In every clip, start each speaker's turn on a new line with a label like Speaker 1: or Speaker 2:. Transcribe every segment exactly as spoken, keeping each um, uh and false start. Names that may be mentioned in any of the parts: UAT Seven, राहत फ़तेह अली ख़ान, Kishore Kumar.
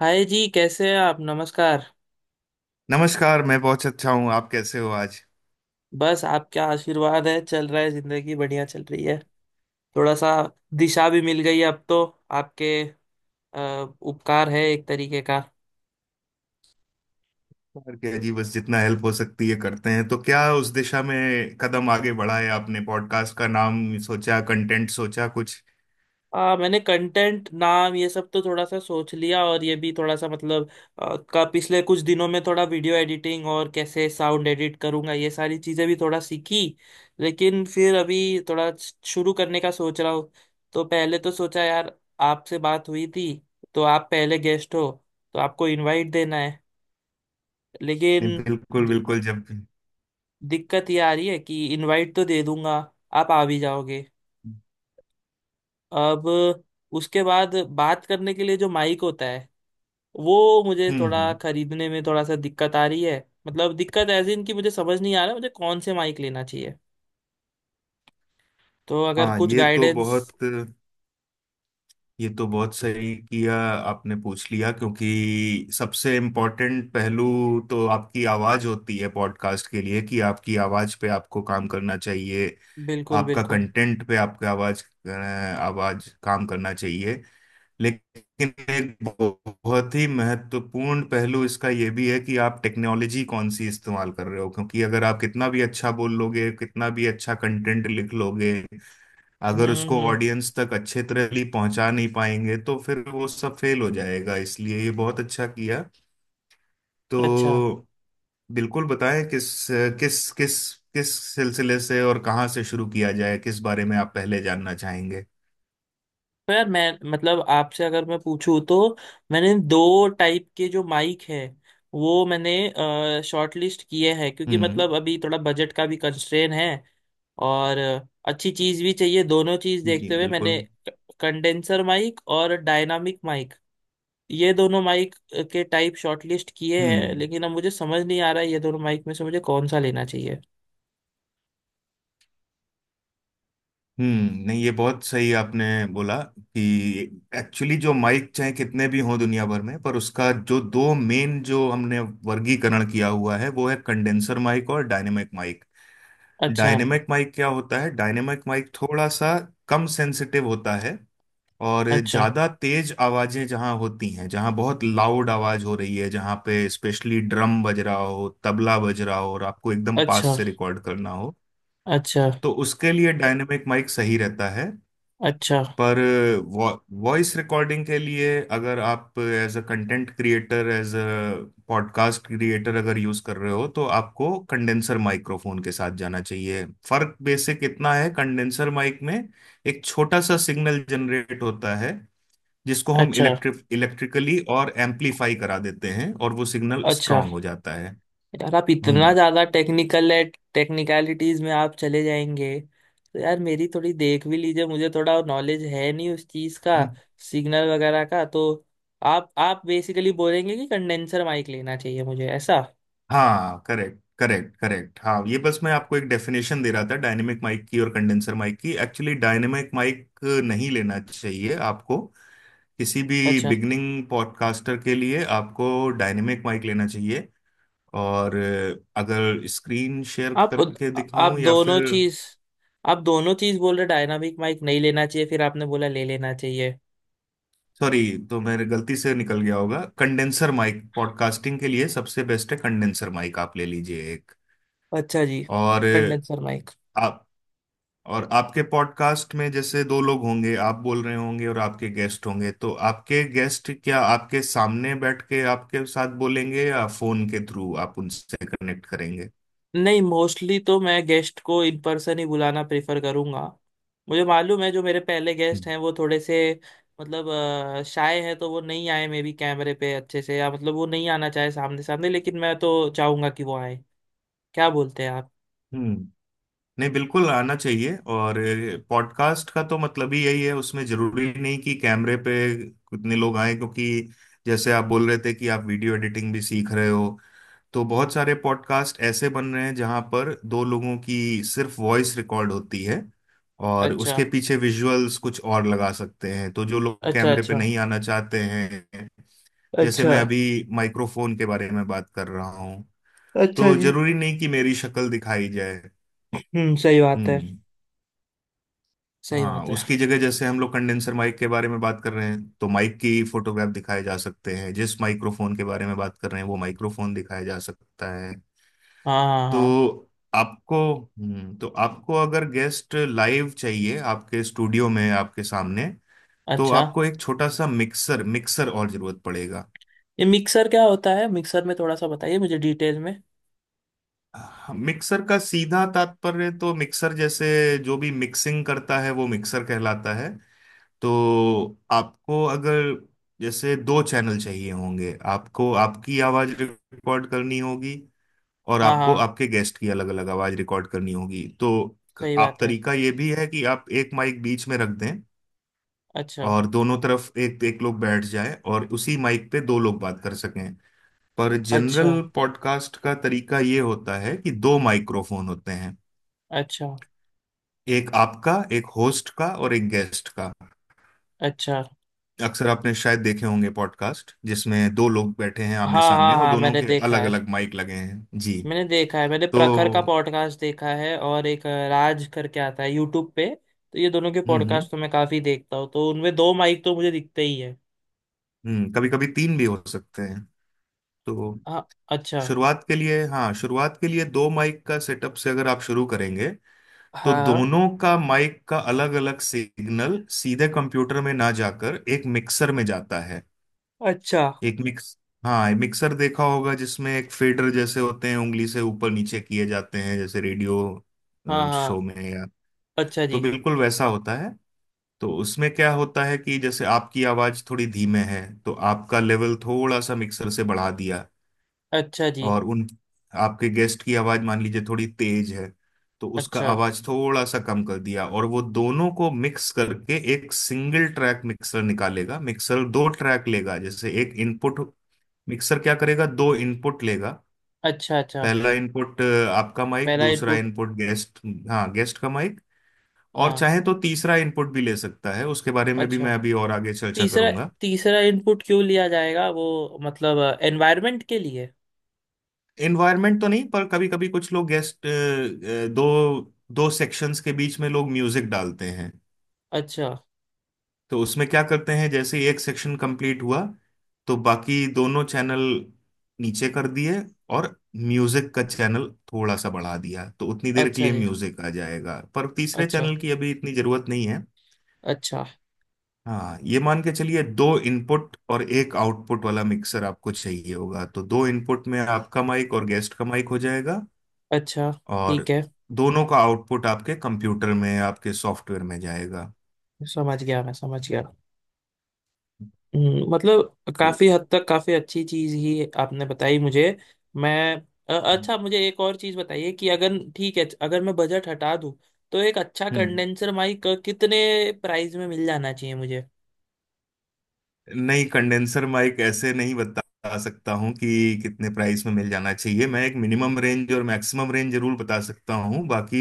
Speaker 1: हाय जी, कैसे हैं आप? नमस्कार।
Speaker 2: नमस्कार। मैं बहुत अच्छा हूँ। आप कैसे हो आज?
Speaker 1: बस आपका आशीर्वाद है, चल रहा है, जिंदगी बढ़िया चल रही है। थोड़ा सा दिशा भी मिल गई है, अब तो आपके अ, उपकार है, एक तरीके का।
Speaker 2: और क्या जी, बस जितना हेल्प हो सकती है करते हैं। तो क्या उस दिशा में कदम आगे बढ़ाए? आपने पॉडकास्ट का नाम सोचा? कंटेंट सोचा कुछ?
Speaker 1: आ, मैंने कंटेंट नाम ये सब तो थोड़ा सा सोच लिया, और ये भी थोड़ा सा मतलब। आ, का पिछले कुछ दिनों में थोड़ा वीडियो एडिटिंग और कैसे साउंड एडिट करूंगा, ये सारी चीजें भी थोड़ा सीखी। लेकिन फिर अभी थोड़ा शुरू करने का सोच रहा हूँ। तो पहले तो सोचा यार, आपसे बात हुई थी, तो आप पहले गेस्ट हो, तो आपको इनवाइट देना है,
Speaker 2: नहीं,
Speaker 1: लेकिन
Speaker 2: बिल्कुल
Speaker 1: दि-
Speaker 2: बिल्कुल। जब... हम्म।
Speaker 1: दिक्कत ये आ रही है कि इनवाइट तो दे दूंगा, आप आ भी जाओगे, अब उसके बाद बात करने के लिए जो माइक होता है वो मुझे थोड़ा
Speaker 2: हम्म।
Speaker 1: खरीदने में थोड़ा सा दिक्कत आ रही है। मतलब दिक्कत ऐसी, इनकी मुझे समझ नहीं आ रहा मुझे कौन से माइक लेना चाहिए, तो अगर
Speaker 2: हाँ,
Speaker 1: कुछ
Speaker 2: ये तो
Speaker 1: गाइडेंस।
Speaker 2: बहुत ये तो बहुत सही किया। आपने पूछ लिया, क्योंकि सबसे इम्पोर्टेंट पहलू तो आपकी आवाज होती है पॉडकास्ट के लिए, कि आपकी आवाज पे आपको काम करना चाहिए।
Speaker 1: बिल्कुल,
Speaker 2: आपका
Speaker 1: बिल्कुल।
Speaker 2: कंटेंट पे आपका आवाज अ, आवाज काम करना चाहिए। लेकिन एक बहुत ही महत्वपूर्ण पहलू इसका ये भी है कि आप टेक्नोलॉजी कौन सी इस्तेमाल कर रहे हो, क्योंकि अगर आप कितना भी अच्छा बोल लोगे, कितना भी अच्छा कंटेंट लिख लोगे,
Speaker 1: हम्म,
Speaker 2: अगर
Speaker 1: हम्म,
Speaker 2: उसको
Speaker 1: हम्म।
Speaker 2: ऑडियंस तक अच्छे तरह पहुंचा नहीं पाएंगे तो फिर वो सब फेल हो जाएगा। इसलिए ये बहुत अच्छा किया।
Speaker 1: अच्छा।
Speaker 2: तो बिल्कुल बताएं, किस किस किस किस सिलसिले से और कहाँ से शुरू किया जाए, किस बारे में आप पहले जानना चाहेंगे?
Speaker 1: तो यार, मैं मतलब आपसे अगर मैं पूछूं तो, मैंने दो टाइप के जो माइक है वो मैंने शॉर्ट लिस्ट किए हैं, क्योंकि
Speaker 2: हम्म।
Speaker 1: मतलब अभी थोड़ा बजट का भी कंस्ट्रेन है। और अ, अच्छी चीज भी चाहिए, दोनों चीज
Speaker 2: जी,
Speaker 1: देखते हुए
Speaker 2: बिल्कुल।
Speaker 1: मैंने कंडेंसर माइक और डायनामिक माइक, ये दोनों माइक के टाइप शॉर्टलिस्ट किए हैं,
Speaker 2: हम्म।
Speaker 1: लेकिन अब मुझे समझ नहीं आ रहा है ये दोनों माइक में से मुझे कौन सा लेना चाहिए।
Speaker 2: हम्म। नहीं, ये बहुत सही आपने बोला, कि एक्चुअली जो माइक चाहे कितने भी हों दुनिया भर में, पर उसका जो दो मेन जो हमने वर्गीकरण किया हुआ है, वो है कंडेंसर माइक और डायनेमिक माइक।
Speaker 1: अच्छा,
Speaker 2: डायनेमिक माइक क्या होता है? डायनेमिक माइक थोड़ा सा कम सेंसिटिव होता है। और
Speaker 1: अच्छा,
Speaker 2: ज्यादा तेज आवाजें जहां होती हैं, जहां बहुत लाउड आवाज हो रही है, जहां पे स्पेशली ड्रम बज रहा हो, तबला बज रहा हो और आपको एकदम पास
Speaker 1: अच्छा,
Speaker 2: से रिकॉर्ड करना हो,
Speaker 1: अच्छा,
Speaker 2: तो उसके लिए डायनेमिक माइक सही रहता है।
Speaker 1: अच्छा,
Speaker 2: पर वॉइस रिकॉर्डिंग के लिए, अगर आप as a content creator, as a podcast creator अगर यूज कर रहे हो, तो आपको कंडेंसर माइक्रोफोन के साथ जाना चाहिए। फर्क बेसिक इतना है, कंडेंसर माइक में एक छोटा सा सिग्नल जनरेट होता है, जिसको हम
Speaker 1: अच्छा,
Speaker 2: इलेक्ट्रिक इलेक्ट्रिकली और एम्पलीफाई करा देते हैं, और वो सिग्नल
Speaker 1: अच्छा।
Speaker 2: स्ट्रांग हो जाता है।
Speaker 1: यार आप इतना
Speaker 2: हम्म।
Speaker 1: ज्यादा टेक्निकल है, टेक्निकलिटीज में आप चले जाएंगे। तो यार मेरी थोड़ी देख भी लीजिए, मुझे थोड़ा नॉलेज है नहीं उस चीज का, सिग्नल वगैरह का। तो आप आप बेसिकली बोलेंगे कि कंडेंसर माइक लेना चाहिए मुझे, ऐसा?
Speaker 2: हाँ, करेक्ट करेक्ट करेक्ट। हाँ, ये बस मैं आपको एक डेफिनेशन दे रहा था डायनेमिक माइक की और कंडेंसर माइक की। एक्चुअली डायनेमिक माइक नहीं लेना चाहिए आपको। किसी भी
Speaker 1: अच्छा।
Speaker 2: बिगनिंग पॉडकास्टर के लिए आपको डायनेमिक माइक लेना चाहिए। और अ, अगर स्क्रीन शेयर
Speaker 1: आप
Speaker 2: करके दिखाऊं
Speaker 1: आप
Speaker 2: या फिर...
Speaker 1: दोनों चीज आप दोनों चीज बोल रहे, डायनामिक माइक नहीं लेना चाहिए, फिर आपने बोला ले लेना चाहिए।
Speaker 2: सॉरी, तो मेरे गलती से निकल गया होगा। कंडेंसर माइक पॉडकास्टिंग के लिए सबसे बेस्ट है। कंडेंसर माइक आप ले लीजिए एक।
Speaker 1: अच्छा जी।
Speaker 2: और
Speaker 1: कंडेंसर
Speaker 2: अ,
Speaker 1: माइक।
Speaker 2: आप और आपके पॉडकास्ट में जैसे दो लोग होंगे, आप बोल रहे होंगे और आपके गेस्ट होंगे। तो आपके गेस्ट क्या आपके सामने बैठ के आपके साथ बोलेंगे या फोन के थ्रू आप उनसे कनेक्ट करेंगे?
Speaker 1: नहीं, मोस्टली तो मैं गेस्ट को इन पर्सन ही बुलाना प्रेफर करूंगा। मुझे मालूम है जो मेरे पहले गेस्ट
Speaker 2: हम्म।
Speaker 1: हैं वो थोड़े से मतलब अ, शाय है, तो वो नहीं आए मे बी कैमरे पे अच्छे से, या मतलब वो नहीं आना चाहे सामने सामने, लेकिन मैं तो चाहूंगा कि वो आए। क्या बोलते हैं आप?
Speaker 2: हम्म। नहीं, बिल्कुल आना चाहिए। और पॉडकास्ट का तो मतलब ही यही है। उसमें जरूरी नहीं कि कैमरे पे कितने लोग आए, क्योंकि जैसे आप बोल रहे थे कि आप वीडियो एडिटिंग भी सीख रहे हो, तो बहुत सारे पॉडकास्ट ऐसे बन रहे हैं जहां पर दो लोगों की सिर्फ वॉइस रिकॉर्ड होती है और
Speaker 1: अच्छा,
Speaker 2: उसके पीछे विजुअल्स कुछ और लगा सकते हैं। तो जो लोग
Speaker 1: अच्छा,
Speaker 2: कैमरे पे
Speaker 1: अच्छा,
Speaker 2: नहीं आना चाहते हैं, जैसे
Speaker 1: अच्छा,
Speaker 2: मैं अभी माइक्रोफोन के बारे में बात कर रहा हूँ,
Speaker 1: अच्छा
Speaker 2: तो
Speaker 1: जी।
Speaker 2: जरूरी नहीं कि मेरी शक्ल दिखाई जाए।
Speaker 1: हम्म, सही बात है।
Speaker 2: हम्म।
Speaker 1: सही
Speaker 2: हाँ,
Speaker 1: बात है।
Speaker 2: उसकी जगह जैसे हम लोग कंडेंसर माइक के बारे में बात कर रहे हैं तो माइक की फोटोग्राफ दिखाए जा सकते हैं। जिस माइक्रोफोन के बारे में बात कर रहे हैं वो माइक्रोफोन दिखाया जा सकता है।
Speaker 1: हाँ, हाँ, हाँ।
Speaker 2: तो आपको हम्म, तो आपको अगर गेस्ट लाइव चाहिए आपके स्टूडियो में आपके सामने, तो
Speaker 1: अच्छा,
Speaker 2: आपको एक छोटा सा मिक्सर मिक्सर और जरूरत पड़ेगा।
Speaker 1: ये मिक्सर क्या होता है? मिक्सर में थोड़ा सा बताइए मुझे डिटेल में।
Speaker 2: हाँ, मिक्सर का सीधा तात्पर्य तो, मिक्सर जैसे जो भी मिक्सिंग करता है वो मिक्सर कहलाता है। तो आपको अगर जैसे दो चैनल चाहिए होंगे, आपको आपकी आवाज रिकॉर्ड करनी होगी और
Speaker 1: हाँ,
Speaker 2: आपको
Speaker 1: हाँ,
Speaker 2: आपके गेस्ट की अलग अलग आवाज रिकॉर्ड करनी होगी। तो क-
Speaker 1: सही
Speaker 2: आप
Speaker 1: बात है।
Speaker 2: तरीका ये भी है कि आप एक माइक बीच में रख दें
Speaker 1: अच्छा,
Speaker 2: और दोनों तरफ एक एक लोग बैठ जाए और उसी माइक पे दो लोग बात कर सकें। पर
Speaker 1: अच्छा,
Speaker 2: जनरल पॉडकास्ट का तरीका ये होता है कि दो माइक्रोफोन होते हैं।
Speaker 1: अच्छा,
Speaker 2: एक आपका, एक होस्ट का और एक गेस्ट का।
Speaker 1: अच्छा।
Speaker 2: अक्सर आपने शायद देखे होंगे पॉडकास्ट जिसमें दो लोग बैठे हैं आमने
Speaker 1: हाँ, हाँ,
Speaker 2: सामने और
Speaker 1: हाँ,
Speaker 2: दोनों
Speaker 1: मैंने
Speaker 2: के
Speaker 1: देखा
Speaker 2: अलग
Speaker 1: है।
Speaker 2: अलग माइक लगे हैं जी।
Speaker 1: मैंने देखा है, मैंने
Speaker 2: तो
Speaker 1: प्रखर का पॉडकास्ट देखा है, और एक अ, राज करके आता है यूट्यूब पे, तो ये दोनों के
Speaker 2: हम्म हम्म
Speaker 1: पॉडकास्ट तो मैं काफी देखता हूँ, तो उनमें दो माइक तो मुझे दिखते ही है।
Speaker 2: हम्म कभी कभी तीन भी हो सकते हैं। तो
Speaker 1: हाँ, अच्छा।
Speaker 2: शुरुआत के लिए, हाँ, शुरुआत के लिए दो माइक का सेटअप से अगर आप शुरू करेंगे, तो
Speaker 1: हाँ, हाँ।
Speaker 2: दोनों का माइक का अलग अलग सिग्नल सीधे कंप्यूटर में ना जाकर एक मिक्सर में जाता है।
Speaker 1: अच्छा।
Speaker 2: एक मिक्स हाँ, मिक्सर देखा होगा जिसमें एक फेडर जैसे होते हैं, उंगली से ऊपर नीचे किए जाते हैं, जैसे रेडियो
Speaker 1: हाँ,
Speaker 2: शो
Speaker 1: हाँ।
Speaker 2: में या...
Speaker 1: अच्छा
Speaker 2: तो
Speaker 1: जी।
Speaker 2: बिल्कुल वैसा होता है। तो उसमें क्या होता है कि जैसे आपकी आवाज थोड़ी धीमे है तो आपका लेवल थोड़ा सा मिक्सर से बढ़ा दिया।
Speaker 1: अच्छा जी।
Speaker 2: और उन आपके गेस्ट की आवाज मान लीजिए थोड़ी तेज है, तो उसका
Speaker 1: अच्छा,
Speaker 2: आवाज थोड़ा सा कम कर दिया, और वो दोनों को मिक्स करके एक सिंगल ट्रैक मिक्सर निकालेगा। मिक्सर दो ट्रैक लेगा, जैसे एक इनपुट... मिक्सर क्या करेगा, दो इनपुट लेगा।
Speaker 1: अच्छा, अच्छा।
Speaker 2: पहला इनपुट आपका माइक,
Speaker 1: पहला
Speaker 2: दूसरा
Speaker 1: इनपुट।
Speaker 2: इनपुट गेस्ट, हाँ, गेस्ट का माइक। और
Speaker 1: हाँ।
Speaker 2: चाहे तो तीसरा इनपुट भी ले सकता है, उसके बारे में भी
Speaker 1: अच्छा।
Speaker 2: मैं अभी और आगे चर्चा
Speaker 1: तीसरा
Speaker 2: करूंगा।
Speaker 1: तीसरा इनपुट क्यों लिया जाएगा, वो मतलब एनवायरनमेंट के लिए?
Speaker 2: एनवायरनमेंट तो नहीं, पर कभी कभी कुछ लोग गेस्ट दो दो सेक्शंस के बीच में लोग म्यूजिक डालते हैं।
Speaker 1: अच्छा
Speaker 2: तो उसमें क्या करते हैं, जैसे ही एक सेक्शन कंप्लीट हुआ तो बाकी दोनों चैनल नीचे कर दिए और म्यूजिक का चैनल थोड़ा सा बढ़ा दिया, तो उतनी देर के
Speaker 1: अच्छा
Speaker 2: लिए
Speaker 1: जी।
Speaker 2: म्यूजिक आ जाएगा। पर तीसरे
Speaker 1: अच्छा,
Speaker 2: चैनल की अभी इतनी जरूरत नहीं है।
Speaker 1: अच्छा,
Speaker 2: हाँ, ये मान के चलिए, दो इनपुट और एक आउटपुट वाला मिक्सर आपको चाहिए होगा। तो दो इनपुट में आपका माइक और गेस्ट का माइक हो जाएगा,
Speaker 1: अच्छा।
Speaker 2: और
Speaker 1: ठीक है।
Speaker 2: दोनों का आउटपुट आपके कंप्यूटर में आपके सॉफ्टवेयर में जाएगा।
Speaker 1: समझ गया, मैं समझ गया। हम्म, मतलब काफी
Speaker 2: तो
Speaker 1: हद तक काफी अच्छी चीज ही आपने बताई मुझे। मैं अ, अच्छा, मुझे एक और चीज बताइए कि अगर ठीक है, अगर मैं बजट हटा दूं तो एक अच्छा
Speaker 2: हम्म
Speaker 1: कंडेंसर माइक कितने प्राइस में मिल जाना चाहिए मुझे?
Speaker 2: नहीं, कंडेंसर माइक ऐसे नहीं बता सकता हूँ कि कितने प्राइस में मिल जाना चाहिए। मैं एक मिनिमम रेंज और मैक्सिमम रेंज जरूर बता सकता हूँ। बाकी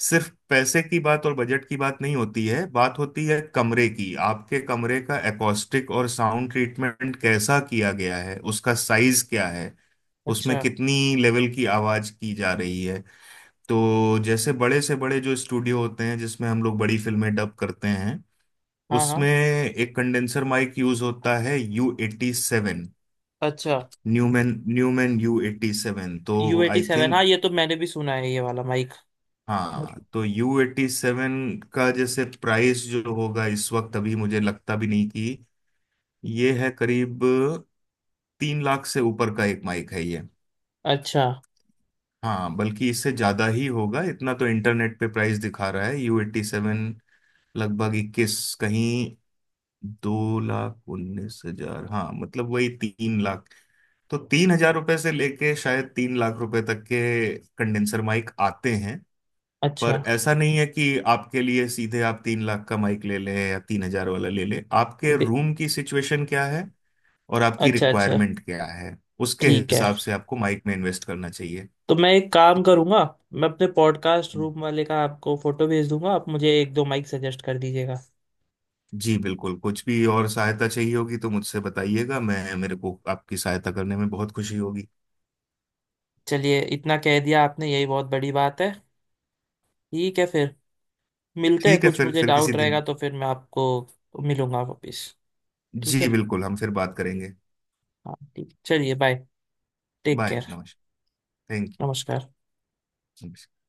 Speaker 2: सिर्फ पैसे की बात और बजट की बात नहीं होती है, बात होती है कमरे की। आपके कमरे का एकॉस्टिक और साउंड ट्रीटमेंट कैसा किया गया है, उसका साइज क्या है, उसमें
Speaker 1: अच्छा।
Speaker 2: कितनी लेवल की आवाज की जा रही है। तो जैसे बड़े से बड़े जो स्टूडियो होते हैं जिसमें हम लोग बड़ी फिल्में डब करते हैं,
Speaker 1: हाँ, हाँ।
Speaker 2: उसमें एक कंडेंसर माइक यूज होता है, यू एटी सेवन।
Speaker 1: अच्छा,
Speaker 2: Neumann Neumann U eighty seven, तो
Speaker 1: यू एटी
Speaker 2: आई
Speaker 1: सेवन हाँ
Speaker 2: थिंक...
Speaker 1: ये तो मैंने भी सुना है ये वाला माइक।
Speaker 2: हाँ, तो यू एटी सेवन का जैसे प्राइस जो होगा इस वक्त, अभी मुझे लगता भी नहीं कि ये है करीब... तीन लाख से ऊपर का एक माइक है ये।
Speaker 1: अच्छा,
Speaker 2: हाँ, बल्कि इससे ज्यादा ही होगा। इतना तो इंटरनेट पे प्राइस दिखा रहा है, यू एट्टी सेवन लगभग इक्कीस... कहीं दो लाख उन्नीस हजार। हाँ, मतलब वही तीन लाख। तो तीन हजार रुपए से लेके शायद तीन लाख रुपए तक के कंडेंसर माइक आते हैं।
Speaker 1: अच्छा।
Speaker 2: पर ऐसा नहीं है कि आपके लिए सीधे आप तीन लाख का माइक ले लें या तीन हजार वाला ले लें। आपके
Speaker 1: बे-
Speaker 2: रूम की सिचुएशन क्या है और आपकी
Speaker 1: अच्छा, अच्छा।
Speaker 2: रिक्वायरमेंट क्या है, उसके
Speaker 1: ठीक है,
Speaker 2: हिसाब से आपको माइक में इन्वेस्ट करना चाहिए।
Speaker 1: तो मैं एक काम करूंगा, मैं अपने पॉडकास्ट रूम वाले का आपको फोटो भेज दूंगा, आप मुझे एक दो माइक सजेस्ट कर दीजिएगा।
Speaker 2: जी बिल्कुल, कुछ भी और सहायता चाहिए होगी तो मुझसे बताइएगा। मैं मेरे को आपकी सहायता करने में बहुत खुशी होगी।
Speaker 1: चलिए, इतना कह दिया आपने यही बहुत बड़ी बात है। ठीक है फिर, मिलते हैं।
Speaker 2: ठीक है,
Speaker 1: कुछ
Speaker 2: फिर
Speaker 1: मुझे
Speaker 2: फिर किसी
Speaker 1: डाउट रहेगा
Speaker 2: दिन।
Speaker 1: तो फिर मैं आपको मिलूंगा वापिस। ठीक
Speaker 2: जी
Speaker 1: है।
Speaker 2: बिल्कुल, हम फिर बात करेंगे।
Speaker 1: हाँ ठीक, चलिए बाय। Take
Speaker 2: bye,
Speaker 1: care.
Speaker 2: नमस्कार। थैंक
Speaker 1: नमस्कार।
Speaker 2: यू।